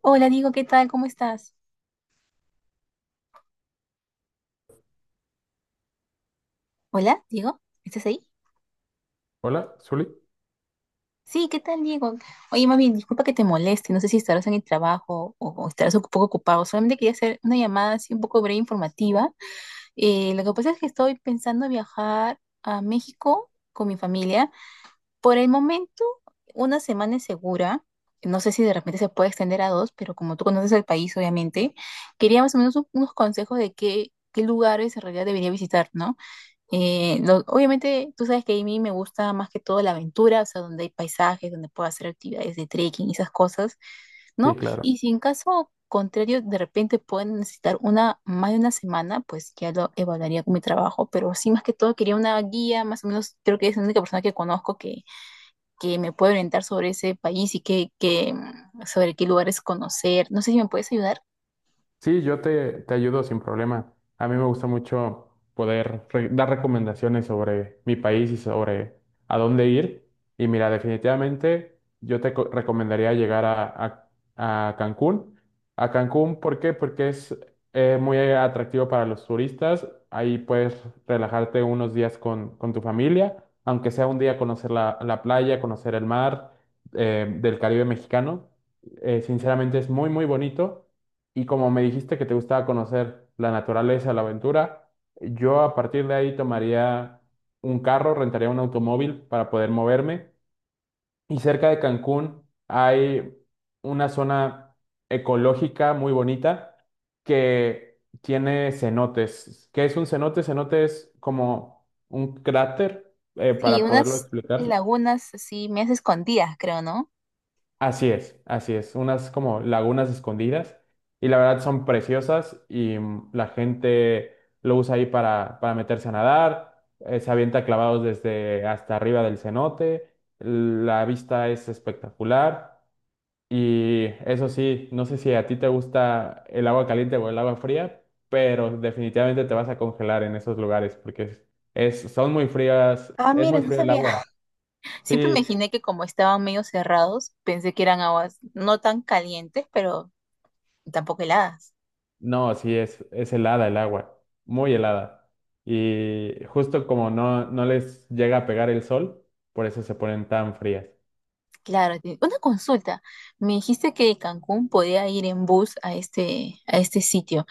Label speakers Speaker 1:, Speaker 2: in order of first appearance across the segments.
Speaker 1: Hola, Diego, ¿qué tal? ¿Cómo estás? Hola, Diego, ¿estás ahí?
Speaker 2: Hola, Zuli.
Speaker 1: Sí, ¿qué tal, Diego? Oye, más bien, disculpa que te moleste, no sé si estarás en el trabajo o estarás un poco ocupado, solamente quería hacer una llamada así un poco breve informativa. Lo que pasa es que estoy pensando viajar a México con mi familia. Por el momento, una semana es segura. No sé si de repente se puede extender a dos, pero como tú conoces el país, obviamente, quería más o menos unos consejos de qué lugares en realidad debería visitar, ¿no? Obviamente, tú sabes que a mí me gusta más que todo la aventura, o sea, donde hay paisajes, donde puedo hacer actividades de trekking y esas cosas,
Speaker 2: Sí,
Speaker 1: ¿no?
Speaker 2: claro.
Speaker 1: Y si en caso contrario, de repente pueden necesitar más de una semana, pues ya lo evaluaría con mi trabajo, pero sí, más que todo, quería una guía, más o menos, creo que es la única persona que conozco que me puede orientar sobre ese país y sobre qué lugares conocer. No sé si me puedes ayudar.
Speaker 2: Sí, yo te ayudo sin problema. A mí me gusta mucho poder dar recomendaciones sobre mi país y sobre a dónde ir. Y mira, definitivamente yo te recomendaría llegar a Cancún. A Cancún, ¿por qué? Porque es muy atractivo para los turistas. Ahí puedes relajarte unos días con tu familia, aunque sea un día conocer la playa, conocer el mar del Caribe mexicano. Sinceramente es muy, muy bonito. Y como me dijiste que te gustaba conocer la naturaleza, la aventura, yo a partir de ahí tomaría un carro, rentaría un automóvil para poder moverme. Y cerca de Cancún hay una zona ecológica muy bonita que tiene cenotes. ¿Qué es un cenote? Cenote es como un cráter,
Speaker 1: Sí,
Speaker 2: para poderlo
Speaker 1: unas
Speaker 2: explicar.
Speaker 1: lagunas así, medias escondidas, creo, ¿no?
Speaker 2: Así es, así es. Unas como lagunas escondidas y la verdad son preciosas y la gente lo usa ahí para meterse a nadar, se avienta clavados desde hasta arriba del cenote, la vista es espectacular y eso sí, no sé si a ti te gusta el agua caliente o el agua fría, pero definitivamente te vas a congelar en esos lugares porque son muy frías,
Speaker 1: Ah,
Speaker 2: es
Speaker 1: mira,
Speaker 2: muy
Speaker 1: no
Speaker 2: frío el
Speaker 1: sabía.
Speaker 2: agua.
Speaker 1: Siempre me
Speaker 2: Sí,
Speaker 1: imaginé que como estaban medio cerrados, pensé que eran aguas no tan calientes, pero tampoco heladas.
Speaker 2: no, sí, es helada el agua, muy helada. Y justo como no les llega a pegar el sol, por eso se ponen tan frías.
Speaker 1: Claro, una consulta. Me dijiste que de Cancún podía ir en bus a este sitio.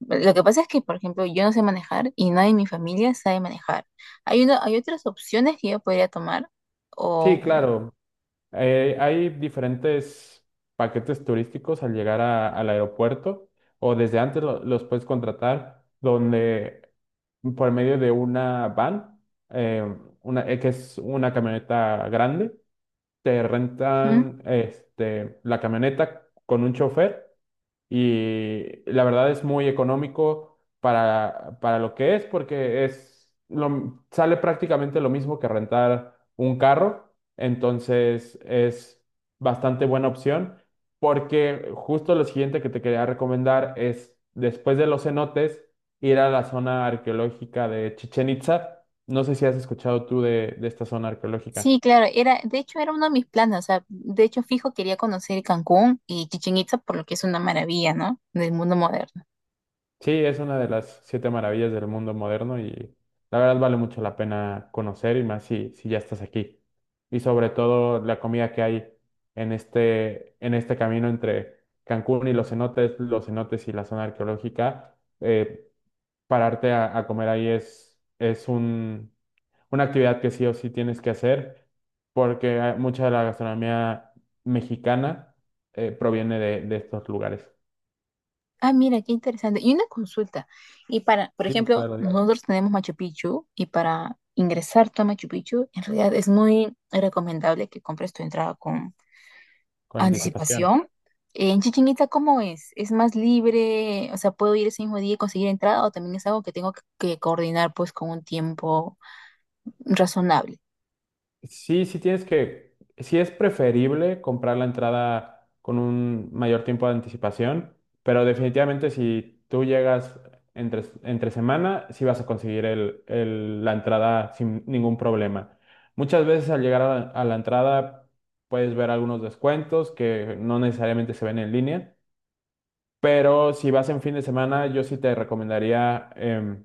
Speaker 1: Lo que pasa es que, por ejemplo, yo no sé manejar y nadie en mi familia sabe manejar. Hay otras opciones que yo podría tomar.
Speaker 2: Sí,
Speaker 1: O
Speaker 2: claro, hay diferentes paquetes turísticos al llegar al aeropuerto o desde antes los puedes contratar donde por medio de una van, eh, que es una camioneta grande, te
Speaker 1: ujú.
Speaker 2: rentan este, la camioneta con un chofer y la verdad es muy económico para lo que es, porque es lo, sale prácticamente lo mismo que rentar un carro, entonces es bastante buena opción, porque justo lo siguiente que te quería recomendar es, después de los cenotes, ir a la zona arqueológica de Chichen Itza. No sé si has escuchado tú de esta zona arqueológica.
Speaker 1: Sí, claro, era, de hecho era uno de mis planes. O sea, de hecho fijo quería conocer Cancún y Chichén Itzá por lo que es una maravilla, ¿no? Del mundo moderno.
Speaker 2: Sí, es una de las siete maravillas del mundo moderno y la verdad vale mucho la pena conocer y más si, si ya estás aquí. Y sobre todo la comida que hay en este camino entre Cancún y los cenotes y la zona arqueológica, pararte a comer ahí es una actividad que sí o sí tienes que hacer porque mucha de la gastronomía mexicana proviene de estos lugares.
Speaker 1: Ah, mira, qué interesante. Y una consulta. Y para, por
Speaker 2: Sí,
Speaker 1: ejemplo,
Speaker 2: claro, dime.
Speaker 1: nosotros tenemos Machu Picchu y para ingresar tú a Machu Picchu, en realidad es muy recomendable que compres tu entrada con
Speaker 2: Con anticipación.
Speaker 1: anticipación. En Chichén Itzá, ¿cómo es? ¿Es más libre? O sea, ¿puedo ir ese mismo día y conseguir entrada? ¿O también es algo que tengo que coordinar pues con un tiempo razonable?
Speaker 2: Sí, sí es preferible comprar la entrada con un mayor tiempo de anticipación, pero definitivamente si tú llegas entre semana, sí vas a conseguir la entrada sin ningún problema. Muchas veces al llegar a la entrada puedes ver algunos descuentos que no necesariamente se ven en línea, pero si vas en fin de semana, yo sí te recomendaría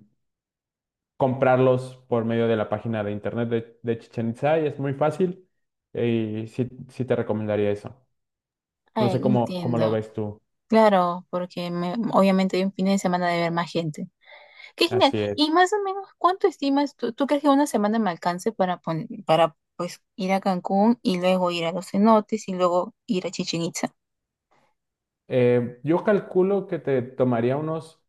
Speaker 2: comprarlos por medio de la página de internet de Chichén Itzá y es muy fácil y sí, sí te recomendaría eso. No
Speaker 1: Ay,
Speaker 2: sé cómo lo
Speaker 1: entiendo.
Speaker 2: ves tú.
Speaker 1: Claro, porque obviamente hay un fin de semana de ver más gente. Qué genial.
Speaker 2: Así es.
Speaker 1: Y más o menos, ¿cuánto estimas? ¿Tú crees que una semana me alcance para, para pues ir a Cancún y luego ir a los cenotes y luego ir a Chichén Itzá?
Speaker 2: Yo calculo que te tomaría unos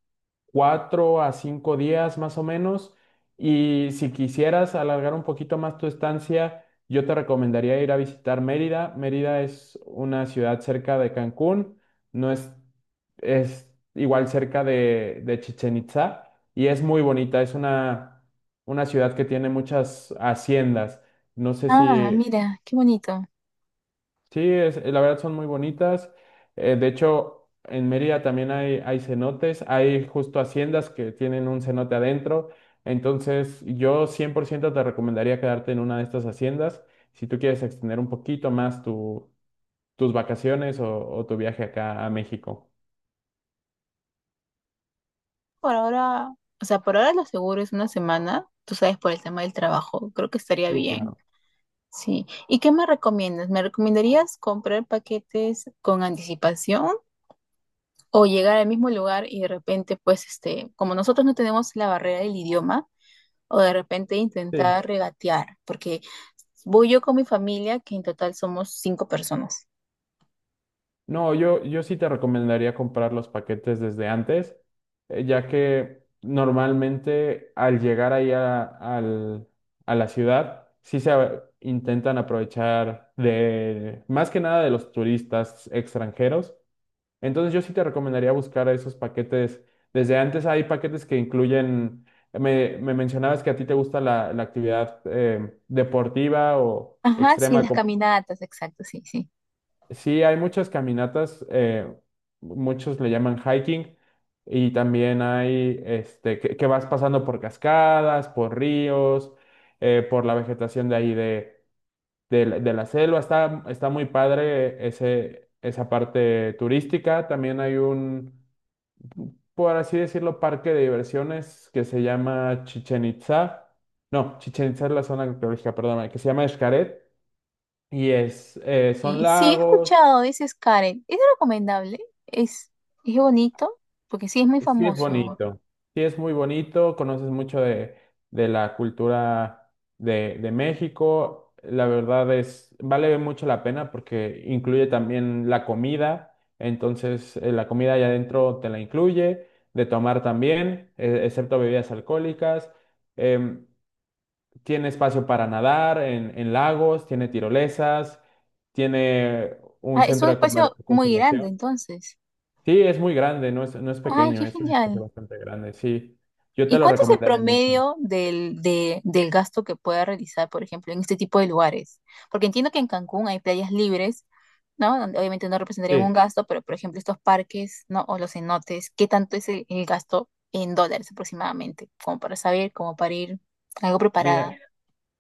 Speaker 2: 4 a 5 días más o menos. Y si quisieras alargar un poquito más tu estancia, yo te recomendaría ir a visitar Mérida. Mérida es una ciudad cerca de Cancún, no es, es igual cerca de Chichén Itzá y es muy bonita. Es una ciudad que tiene muchas haciendas. No sé
Speaker 1: Ah,
Speaker 2: si…
Speaker 1: mira, qué bonito.
Speaker 2: Sí, la verdad son muy bonitas. De hecho, en Mérida también hay cenotes, hay justo haciendas que tienen un cenote adentro. Entonces, yo 100% te recomendaría quedarte en una de estas haciendas. Si tú quieres extender un poquito más tus vacaciones o tu viaje acá a México.
Speaker 1: Por ahora, o sea, por ahora lo seguro es una semana, tú sabes, por el tema del trabajo, creo que estaría
Speaker 2: Sí,
Speaker 1: bien.
Speaker 2: claro.
Speaker 1: Sí. ¿Y qué me recomiendas? ¿Me recomendarías comprar paquetes con anticipación o llegar al mismo lugar y de repente, pues, este, como nosotros no tenemos la barrera del idioma, o de repente
Speaker 2: Sí,
Speaker 1: intentar regatear? Porque voy yo con mi familia, que en total somos 5 personas.
Speaker 2: no, yo sí te recomendaría comprar los paquetes desde antes, ya que normalmente al llegar ahí a la ciudad, intentan aprovechar de más que nada de los turistas extranjeros. Entonces yo sí te recomendaría buscar esos paquetes desde antes. Hay paquetes que incluyen, me mencionabas que a ti te gusta la actividad deportiva o
Speaker 1: Ajá, sí,
Speaker 2: extrema.
Speaker 1: las caminatas, exacto, sí, sí.
Speaker 2: Sí, hay muchas caminatas, muchos le llaman hiking, y también hay este, que vas pasando por cascadas, por ríos, por la vegetación de ahí de la selva. Está muy padre esa parte turística. También hay un, por así decirlo, parque de diversiones que se llama Chichen Itza. No, Chichen Itza es la zona arqueológica, perdóname, que se llama Xcaret. Y es, son
Speaker 1: Y sí, he
Speaker 2: lagos.
Speaker 1: escuchado, dices Karen. ¿Es recomendable? ¿Es, es bonito? Porque sí, es muy
Speaker 2: Sí, es
Speaker 1: famoso.
Speaker 2: bonito. Sí, es muy bonito. Conoces mucho de la cultura de México. La verdad es, vale mucho la pena porque incluye también la comida. Entonces, la comida allá adentro te la incluye, de tomar también, excepto bebidas alcohólicas. Em, Tiene espacio para nadar en lagos, tiene tirolesas, tiene
Speaker 1: Ah,
Speaker 2: un
Speaker 1: es un
Speaker 2: centro de
Speaker 1: espacio muy grande,
Speaker 2: conservación.
Speaker 1: entonces.
Speaker 2: Sí, es muy grande, no es
Speaker 1: Ay, qué
Speaker 2: pequeño, es un espacio
Speaker 1: genial.
Speaker 2: bastante grande, sí. Yo te
Speaker 1: ¿Y
Speaker 2: lo
Speaker 1: cuánto es el
Speaker 2: recomendaría mucho.
Speaker 1: promedio del gasto que pueda realizar, por ejemplo, en este tipo de lugares? Porque entiendo que en Cancún hay playas libres, ¿no? Donde obviamente no representarían un
Speaker 2: Sí,
Speaker 1: gasto, pero por ejemplo, estos parques, ¿no? O los cenotes, ¿qué tanto es el gasto en dólares aproximadamente? Como para saber, como para ir algo
Speaker 2: mira,
Speaker 1: preparada.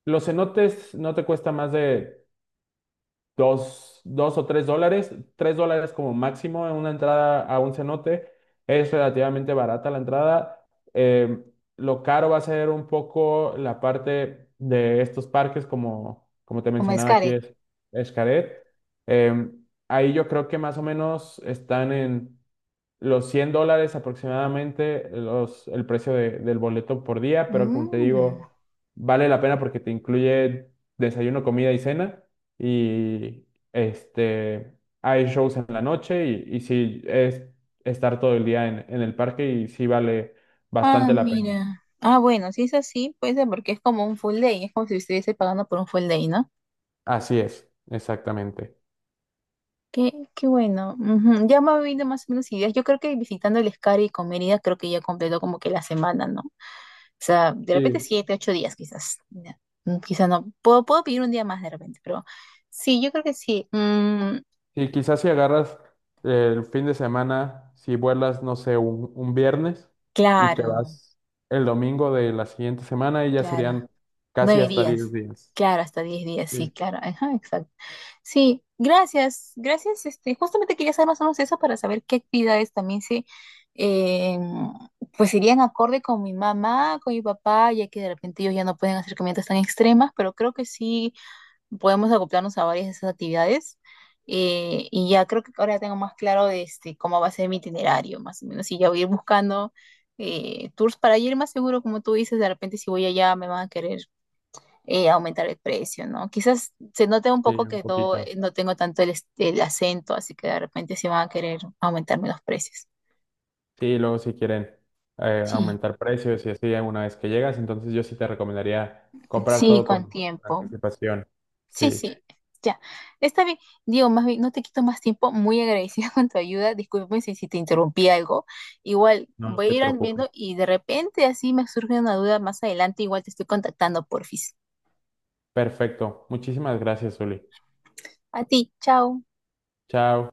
Speaker 2: los cenotes no te cuesta más de $2 o $3, $3 como máximo en una entrada a un cenote. Es relativamente barata la entrada. Eh, lo caro va a ser un poco la parte de estos parques, como te
Speaker 1: Como es
Speaker 2: mencionaba aquí,
Speaker 1: Karen.
Speaker 2: es Xcaret. Eh, Ahí yo creo que más o menos están en los $100 aproximadamente el precio del boleto por día, pero como te
Speaker 1: Mm.
Speaker 2: digo, vale la pena porque te incluye desayuno, comida y cena y este, hay shows en la noche y sí es estar todo el día en el parque y sí vale
Speaker 1: Ah,
Speaker 2: bastante la pena.
Speaker 1: mira. Ah, bueno, si es así, puede ser porque es como un full day, es como si estuviese pagando por un full day, ¿no?
Speaker 2: Así es, exactamente.
Speaker 1: Qué bueno. Ujú. Ya me ha venido más o menos ideas. Yo creo que visitando el Escari y con Mérida creo que ya completó como que la semana, ¿no? O sea, de repente
Speaker 2: Sí,
Speaker 1: 7, 8 días quizás. Ya. Mm, quizás no. Puedo pedir un día más de repente, pero sí, yo creo que sí. Mm,
Speaker 2: y quizás si agarras el fin de semana, si vuelas, no sé, un viernes y te
Speaker 1: claro,
Speaker 2: vas el domingo de la siguiente semana y ya
Speaker 1: claro.
Speaker 2: serían casi
Speaker 1: Nueve
Speaker 2: hasta
Speaker 1: días.
Speaker 2: 10 días.
Speaker 1: Claro, hasta 10 días, sí,
Speaker 2: Sí,
Speaker 1: claro. Ajá, exacto. Sí, gracias, gracias. Este, justamente quería saber más o menos eso para saber qué actividades también eh, pues irían acorde con mi mamá, con mi papá, ya que de repente ellos ya no pueden hacer caminatas tan extremas, pero creo que sí podemos acoplarnos a varias de esas actividades. Y ya creo que ahora tengo más claro de este, cómo va a ser mi itinerario, más o menos. Y ya voy a ir buscando tours para ir más seguro, como tú dices, de repente si voy allá me van a querer aumentar el precio, ¿no? Quizás se note un
Speaker 2: sí,
Speaker 1: poco
Speaker 2: un
Speaker 1: que
Speaker 2: poquito.
Speaker 1: no tengo tanto el acento, así que de repente sí van a querer aumentarme los precios.
Speaker 2: Sí, luego si quieren
Speaker 1: Sí.
Speaker 2: aumentar precios y así una vez que llegas, entonces yo sí te recomendaría comprar
Speaker 1: Sí,
Speaker 2: todo
Speaker 1: con
Speaker 2: con
Speaker 1: tiempo.
Speaker 2: anticipación.
Speaker 1: Sí,
Speaker 2: Sí,
Speaker 1: sí, ya. Está bien. Diego, más bien, no te quito más tiempo. Muy agradecida con tu ayuda. Disculpen si te interrumpí algo. Igual,
Speaker 2: no
Speaker 1: voy
Speaker 2: te
Speaker 1: a ir
Speaker 2: preocupes.
Speaker 1: viendo y de repente así me surge una duda más adelante. Igual te estoy contactando, porfis.
Speaker 2: Perfecto. Muchísimas gracias, Uli.
Speaker 1: A ti, chao.
Speaker 2: Chao.